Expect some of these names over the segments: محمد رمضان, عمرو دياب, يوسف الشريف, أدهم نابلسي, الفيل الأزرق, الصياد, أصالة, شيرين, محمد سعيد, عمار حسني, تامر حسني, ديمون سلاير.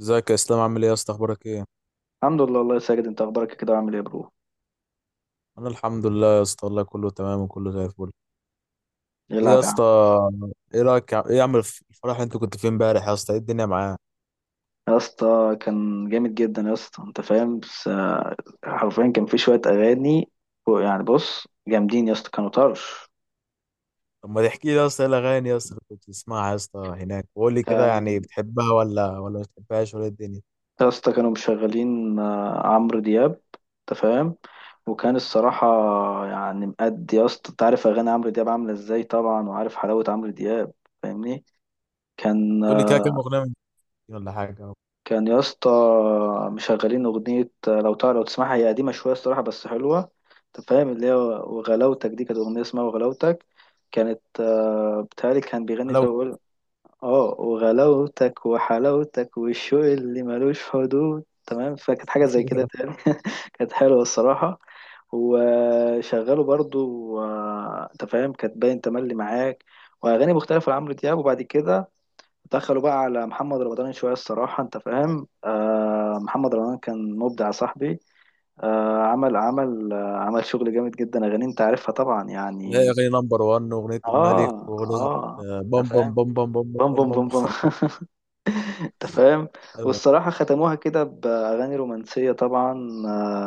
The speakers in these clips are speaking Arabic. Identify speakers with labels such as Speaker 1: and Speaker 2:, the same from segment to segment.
Speaker 1: ازيك يا اسلام؟ عامل ايه يا اسطى؟ اخبارك ايه؟
Speaker 2: الحمد لله والله يا ساجد، انت اخبارك كده؟ عامل ايه يا برو؟
Speaker 1: انا الحمد لله يا اسطى والله، كله تمام وكله زي الفل. ايه يا
Speaker 2: يلعب يا عم.
Speaker 1: اسطى؟ ايه رايك ايه عامل الفرح اللي انت كنت فين امبارح يا اسطى؟ ايه الدنيا معاه؟
Speaker 2: يا اسطى كان جامد جدا يا اسطى انت فاهم. بس حرفيا كان في شويه اغاني يعني بص جامدين يا اسطى كانوا طرش.
Speaker 1: طب ما تحكي لي يا اسطى ايه الاغاني يا اسطى اللي كنت بتسمعها يا اسطى هناك، وقول لي كده يعني
Speaker 2: كان
Speaker 1: بتحبها ولا ما بتحبهاش ولا ايه الدنيا؟
Speaker 2: يا اسطى كانوا مشغلين عمرو دياب انت فاهم. وكان الصراحه يعني مأدي، يا اسطى انت عارف اغاني عمرو دياب عامله ازاي طبعا، وعارف حلاوه عمرو دياب، فاهمني؟ كان
Speaker 1: تقول لي كده كام اغنيه من دي ولا حاجه؟
Speaker 2: كان يا اسطى مشغلين أغنية، لو تعرف لو تسمعها، هي قديمة شوية الصراحة بس حلوة. أنت فاهم اللي هي وغلاوتك دي، كانت أغنية اسمها وغلاوتك. كانت بتهيألي كان بيغني
Speaker 1: لو
Speaker 2: فيها بيقول اه وغلاوتك وحلاوتك والشوق اللي ملوش حدود، تمام. فكانت حاجة زي كده تاني كانت حلوة الصراحة. وشغلوا برضو أنت فاهم كانت باين تملي معاك، وأغاني مختلفة لعمرو دياب. وبعد كده دخلوا بقى على محمد رمضان شوية الصراحة. أنت فاهم محمد رمضان كان مبدع يا صاحبي. عمل عمل شغل جامد جدا، أغاني أنت عارفها طبعا
Speaker 1: لا،
Speaker 2: يعني.
Speaker 1: اغاني نمبر 1 واغنيه الملك
Speaker 2: آه،
Speaker 1: واغنيه
Speaker 2: آه،
Speaker 1: بام
Speaker 2: أنت
Speaker 1: بام
Speaker 2: فاهم.
Speaker 1: بام بام بام
Speaker 2: بوم
Speaker 1: بام
Speaker 2: بوم
Speaker 1: بام
Speaker 2: بوم بوم أنت فاهم.
Speaker 1: بام
Speaker 2: والصراحة ختموها كده بأغاني رومانسية طبعا. آه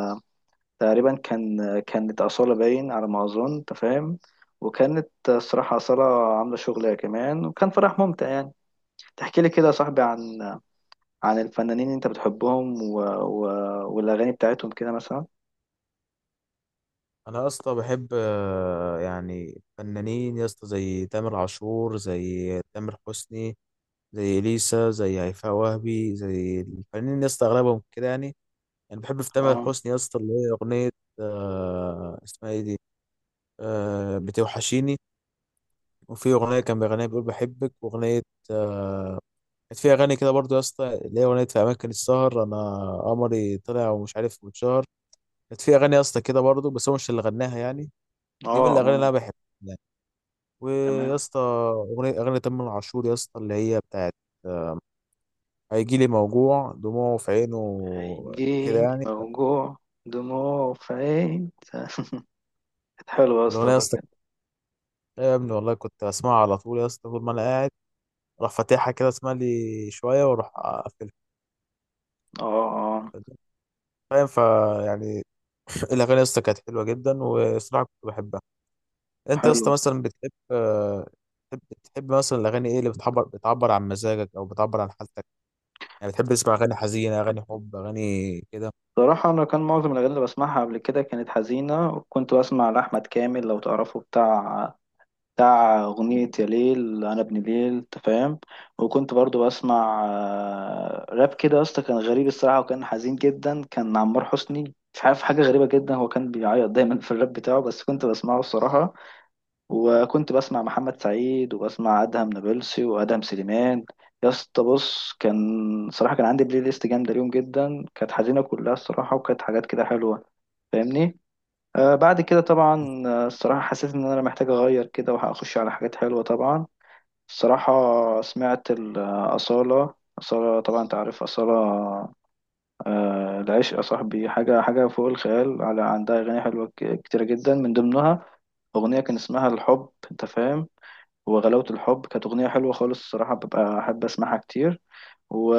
Speaker 2: تقريبا كانت أصالة باين على ما أظن أنت فاهم. وكانت الصراحة أصالة عاملة شغلها كمان، وكان فرح ممتع يعني. تحكي لي كده يا صاحبي عن الفنانين اللي انت بتحبهم والاغاني بتاعتهم كده مثلا.
Speaker 1: انا يا اسطى بحب يعني فنانين يا اسطى زي تامر عاشور، زي تامر حسني، زي اليسا، زي هيفاء وهبي، زي الفنانين يا اسطى اغلبهم كده يعني. يعني بحب في تامر
Speaker 2: اه،
Speaker 1: حسني يا اسطى اللي هي اغنيه اسمها ايه دي؟ بتوحشيني. وفي اغنيه كان بيغنيها بيقول بحبك، واغنيه آه، كانت في اغاني كده برضو يا اسطى اللي هي اغنيه في اماكن السهر انا قمري طلع ومش عارف واتشهر. كانت في اغاني يا اسطى كده برضو، بس هو مش اللي غناها يعني.
Speaker 2: اه،
Speaker 1: دي من الاغاني اللي
Speaker 2: اه،
Speaker 1: انا بحبها. ويا
Speaker 2: تمام.
Speaker 1: اسطى اغنيه تامر عاشور يا اسطى اللي هي بتاعت آه، هيجي لي موجوع دموعه في عينه كده
Speaker 2: هيجيلي
Speaker 1: يعني.
Speaker 2: موجوع دموع في عين كانت حلوة يا اسطى
Speaker 1: الاغنيه يا
Speaker 2: والله
Speaker 1: اسطى،
Speaker 2: بجد.
Speaker 1: يا ابني والله كنت اسمعها على طول يا اسطى طول ما انا قاعد، اروح فاتحها كده اسمع لي شويه واروح اقفلها.
Speaker 2: اه، اه،
Speaker 1: فاهم فيعني. الاغاني يا اسطى كانت حلوه جدا والصراحه كنت بحبها. انت يا
Speaker 2: حلو.
Speaker 1: اسطى مثلا بتحب بتحب مثلا الاغاني ايه اللي بتعبر عن مزاجك او بتعبر عن حالتك؟ يعني بتحب تسمع اغاني حزينه، اغاني حب، اغاني كده؟
Speaker 2: صراحة أنا كان معظم الأغاني اللي بسمعها قبل كده كانت حزينة، وكنت بسمع لأحمد كامل لو تعرفه، بتاع أغنية يا ليل أنا ابن ليل أنت فاهم. وكنت برضو بسمع راب كده يا اسطى، كان غريب الصراحة وكان حزين جدا. كان عمار حسني، مش عارف، حاجة غريبة جدا، هو كان بيعيط دايما في الراب بتاعه بس كنت بسمعه الصراحة. وكنت بسمع محمد سعيد، وبسمع أدهم نابلسي وأدهم سليمان. يا اسطى بص. صراحة كان عندي بلاي ليست جامدة اليوم جدا، كانت حزينة كلها الصراحة، وكانت حاجات كده حلوة، فاهمني؟ بعد كده طبعا الصراحة حسيت إن أنا محتاج أغير كده، وهأخش على حاجات حلوة طبعا الصراحة. سمعت أصالة، طبعا أنت عارف أصالة. العشق يا صاحبي حاجة فوق الخيال، على عندها أغاني حلوة كتيرة جدا، من ضمنها أغنية كان اسمها الحب أنت فاهم. وغلاوة الحب كانت أغنية حلوة خالص الصراحة، ببقى أحب أسمعها كتير. و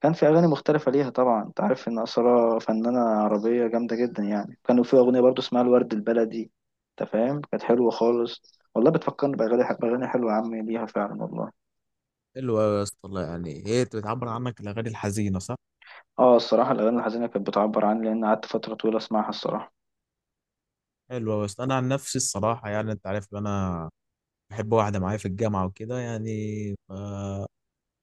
Speaker 2: كان في أغاني مختلفة ليها طبعا، أنت عارف إن أصالة فنانة عربية جامدة جدا يعني. كانوا في أغنية برضو اسمها الورد البلدي أنت فاهم، كانت حلوة خالص. والله بتفكرني بأغاني حلوة يا عمي ليها فعلا والله.
Speaker 1: حلو أوي يا اسطى والله، يعني هي بتعبر عنك الأغاني الحزينة صح؟
Speaker 2: آه، الصراحة الأغاني الحزينة كانت بتعبر عني، لأن قعدت فترة طويلة أسمعها الصراحة.
Speaker 1: حلو أوي يا اسطى. أنا عن نفسي الصراحة يعني أنت عارف إن أنا بحب واحدة معايا في الجامعة وكده يعني، ف...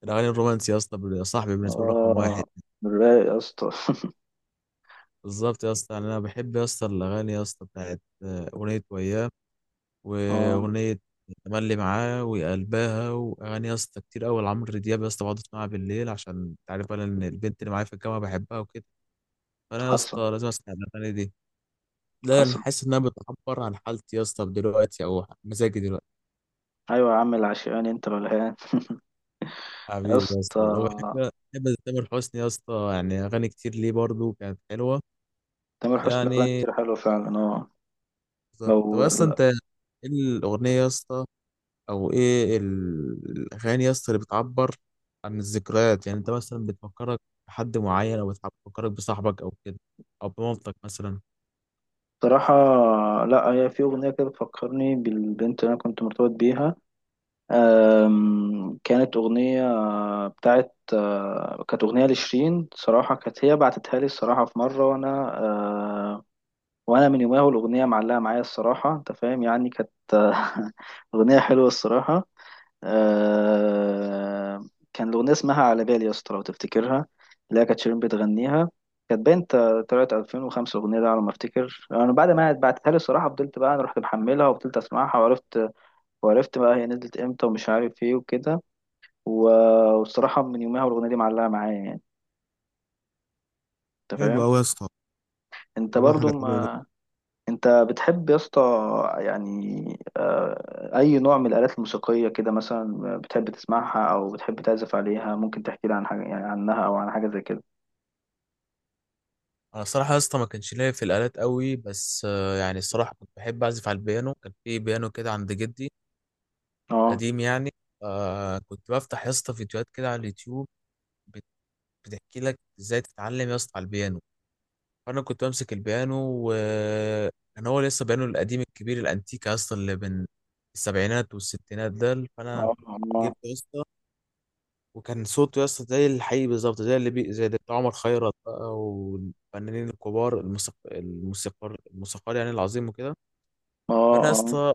Speaker 1: الأغاني الرومانسية يا اسطى صاحبي بالنسبة لي رقم واحد.
Speaker 2: آه، رايق يا اسطى
Speaker 1: بالظبط يا اسطى، يعني أنا بحب يا اسطى الأغاني يا اسطى بتاعت أغنية وياه،
Speaker 2: آه.
Speaker 1: وأغنية تملي معاه وقلبها، وأغاني يا اسطى كتير أوي لعمرو دياب يا اسطى، بقعد أسمعها بالليل عشان أنت عارف بقى إن البنت اللي معايا في الجامعة بحبها وكده. فأنا يا اسطى
Speaker 2: حصل.
Speaker 1: لازم أسمع الأغاني دي. لا، انا
Speaker 2: حصل.
Speaker 1: حاسس انها بتعبر عن حالتي يا اسطى دلوقتي او مزاجي دلوقتي.
Speaker 2: أيوة يا عم العشقاني أنت الولهان يا
Speaker 1: حبيبي يا
Speaker 2: اسطى
Speaker 1: اسطى والله، بحب تامر حسني يا اسطى، يعني اغاني كتير ليه برضو كانت حلوه
Speaker 2: تامر حسني له أغاني
Speaker 1: يعني.
Speaker 2: كتير حلوة فعلا. آه.
Speaker 1: بالظبط. طب
Speaker 2: لو
Speaker 1: اصلا انت ايه الاغنيه يا اسطى او ايه الاغاني يا اسطى اللي بتعبر عن الذكريات؟ يعني انت مثلا بتفكرك بحد معين، او بتفكرك بصاحبك، او كده، او بمامتك مثلا؟
Speaker 2: صراحة، لا، هي في أغنية كده بتفكرني بالبنت اللي أنا كنت مرتبط بيها. كانت أغنية بتاعت أه، كانت أغنية لشيرين صراحة، كانت هي بعتتها لي الصراحة في مرة أه، وأنا من يومها والأغنية معلقة معايا الصراحة أنت فاهم يعني. كانت أغنية حلوة الصراحة. آه. كان الأغنية اسمها على بالي يا اسطى لو تفتكرها، اللي هي كانت شيرين بتغنيها. كانت طلعت 2005 الأغنية دي على ما أفتكر. أنا بعد ما بعتها لي الصراحة فضلت بقى، أنا رحت محملها وفضلت أسمعها، وعرفت بقى هي نزلت إمتى ومش عارف إيه وكده. و- والصراحة من يومها والأغنية دي معلقة معايا يعني أنت
Speaker 1: حلو
Speaker 2: فاهم.
Speaker 1: قوي يا اسطى،
Speaker 2: أنت
Speaker 1: والله
Speaker 2: برضو
Speaker 1: حاجة حلوة.
Speaker 2: ما انت بتحب يا اسطى يعني اي نوع من الالات الموسيقيه كده مثلا بتحب تسمعها او بتحب تعزف عليها؟ ممكن تحكي لي عن حاجه يعني عنها او عن حاجه زي كده؟
Speaker 1: انا الصراحه يا اسطى ما كانش ليا في الالات قوي بس يعني الصراحه كنت بحب اعزف على البيانو. كان في بيانو كده عند جدي
Speaker 2: اه.
Speaker 1: قديم يعني. كنت بفتح يا اسطى فيديوهات كده على اليوتيوب بت- بتحكي لك ازاي تتعلم يا اسطى على البيانو. فانا كنت بمسك البيانو وكان هو لسه بيانو القديم الكبير الانتيك يا اسطى اللي بين السبعينات والستينات ده، فانا
Speaker 2: اه. اه.
Speaker 1: جبت. وكان صوته يا اسطى زي الحقيقي بالظبط، زي اللي زي اللي بتاع عمر خيرت بقى والفنانين الكبار الموسيقار يعني العظيم وكده.
Speaker 2: اه.
Speaker 1: فانا يا
Speaker 2: اه.
Speaker 1: اسطى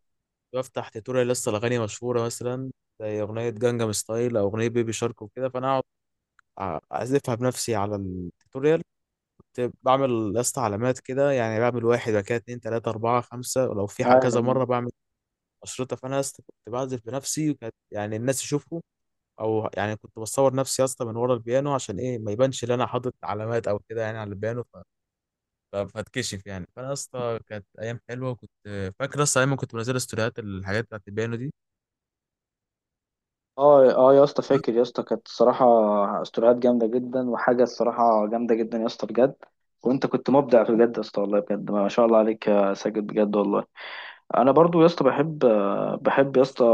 Speaker 1: بفتح تيتوريال يا اسطى الاغاني مشهوره مثلا، زي اغنيه جانجام ستايل او اغنيه بيبي شارك وكده. فانا اقعد اعزفها بنفسي على التيتوريال. كنت بعمل يا اسطى علامات كده، يعني بعمل واحد بعد كده اتنين تلاته اربعه خمسه، ولو في
Speaker 2: ايوه.
Speaker 1: كذا مره بعمل اشرطه. فانا يا اسطى كنت بعزف بنفسي وكانت يعني الناس يشوفوا، او يعني كنت بصور نفسي يا اسطى من ورا البيانو عشان ايه ما يبانش ان انا حاطط علامات او كده يعني على البيانو فاتكشف يعني. فانا يا اسطى كانت ايام حلوه، وكنت فاكر اصلا ايام ما كنت بنزل ستوريات الحاجات بتاعت البيانو دي.
Speaker 2: اه. اه يا اسطى، فاكر يا اسطى كانت الصراحه استوديوهات جامده جدا وحاجه الصراحه جامده جدا يا اسطى بجد. وانت كنت مبدع بجد يا اسطى والله بجد ما شاء الله عليك يا ساجد بجد والله. انا برضو يا اسطى، بحب يا اسطى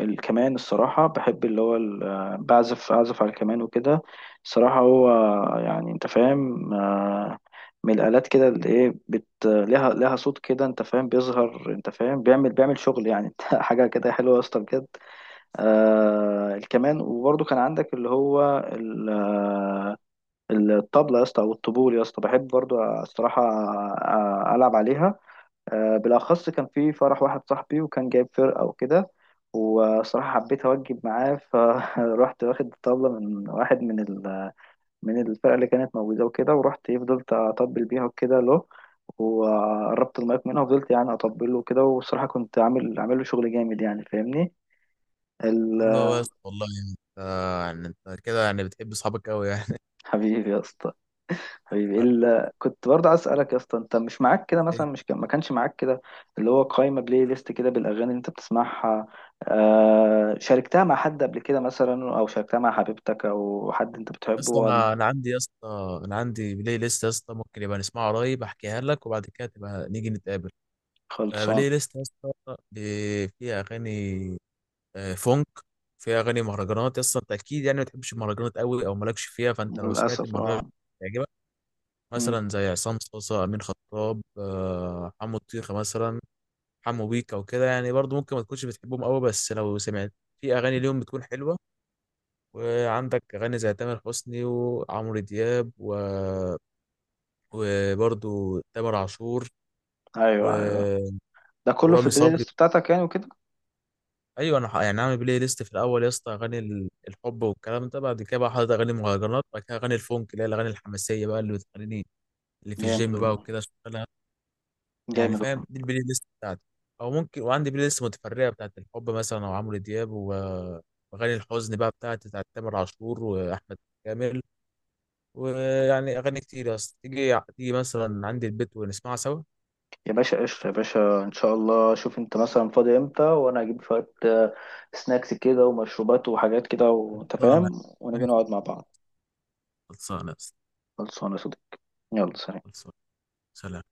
Speaker 2: الكمان الصراحه. بحب اللي هو اعزف على الكمان وكده. الصراحه هو يعني انت فاهم من الالات كده اللي ايه لها صوت كده انت فاهم بيظهر انت فاهم بيعمل شغل يعني حاجه كده حلوه يا اسطى بجد. الكمان. وبرضو كان عندك اللي هو الطبله يا اسطى او الطبول يا اسطى، بحب برضو الصراحه العب عليها. بالأخص كان في فرح واحد صاحبي وكان جايب فرقة وكده، وصراحة حبيت أوجب معاه فروحت واخد طبلة من واحد من الفرقة اللي كانت موجودة وكده، ورحت إيه، فضلت أطبل بيها وكده له. وقربت المايك منها وفضلت يعني أطبله وكده، والصراحة كنت عامل له شغل جامد يعني فاهمني ال-
Speaker 1: بقول له يا اسطى والله يعني انت، يعني انت كده يعني بتحب اصحابك قوي يعني.
Speaker 2: حبيبي يا اسطى. حبيبي كنت برضه عايز اسالك يا اسطى، انت مش معاك كده
Speaker 1: يا
Speaker 2: مثلا، مش كان... ما كانش معاك كده اللي هو قائمه بلاي ليست كده بالاغاني اللي انت بتسمعها؟ شاركتها مع حد قبل كده مثلا، او شاركتها مع حبيبتك او حد انت بتحبه
Speaker 1: اسطى،
Speaker 2: ولا؟
Speaker 1: انا عندي يا اسطى انا عندي بلاي ليست يا اسطى ممكن يبقى نسمعها قريب، احكيها لك وبعد كده تبقى نيجي نتقابل.
Speaker 2: خلصان.
Speaker 1: فبلاي ليست يا اسطى فيها اغاني فونك، فيها اغاني مهرجانات. اصلا انت اكيد يعني ما بتحبش المهرجانات قوي او مالكش فيها، فانت لو سمعت
Speaker 2: للاسف
Speaker 1: المهرجان
Speaker 2: اه.
Speaker 1: هيعجبك.
Speaker 2: مم.
Speaker 1: مثلا زي عصام صاصا، امين خطاب، حمو الطيخه مثلا، حمو بيكا، وكده يعني. برضو ممكن ما تكونش بتحبهم قوي بس لو سمعت في اغاني ليهم بتكون حلوه. وعندك اغاني زي تامر حسني وعمرو دياب وبرضو تامر عاشور و...
Speaker 2: ايوه، ايوه، ده كله في
Speaker 1: ورامي
Speaker 2: البلاي
Speaker 1: صبري.
Speaker 2: ليست بتاعتك يعني وكده.
Speaker 1: ايوه انا يعني عامل بلاي ليست، في الاول يا اسطى اغاني الحب والكلام ده، بعد كده بقى حاطط اغاني مهرجانات، بعد كده اغاني الفونك اللي هي الاغاني الحماسيه بقى اللي بتخليني، اللي في
Speaker 2: جامد
Speaker 1: الجيم بقى
Speaker 2: والله.
Speaker 1: وكده اشتغلها. يعني
Speaker 2: جامد والله.
Speaker 1: فاهم دي البلاي ليست بتاعتي. او ممكن وعندي بلاي ليست متفرعه بتاعت الحب مثلا او عمرو دياب واغاني الحزن بقى بتاعت تامر عاشور واحمد كامل. ويعني اغاني كتير يا اسطى تيجي تيجي مثلا عندي البيت ونسمعها سوا.
Speaker 2: يا باشا قشطة يا باشا، ان شاء الله. شوف انت مثلا فاضي امتى، وانا اجيب شوية سناكس كده ومشروبات وحاجات كده وانت
Speaker 1: خلصانه،
Speaker 2: فاهم. ونيجي
Speaker 1: ماشي،
Speaker 2: نقعد مع بعض.
Speaker 1: خلصانه يا اسطى،
Speaker 2: خلصانة يا صديقي. يلا سلام.
Speaker 1: خلصانه، سلام.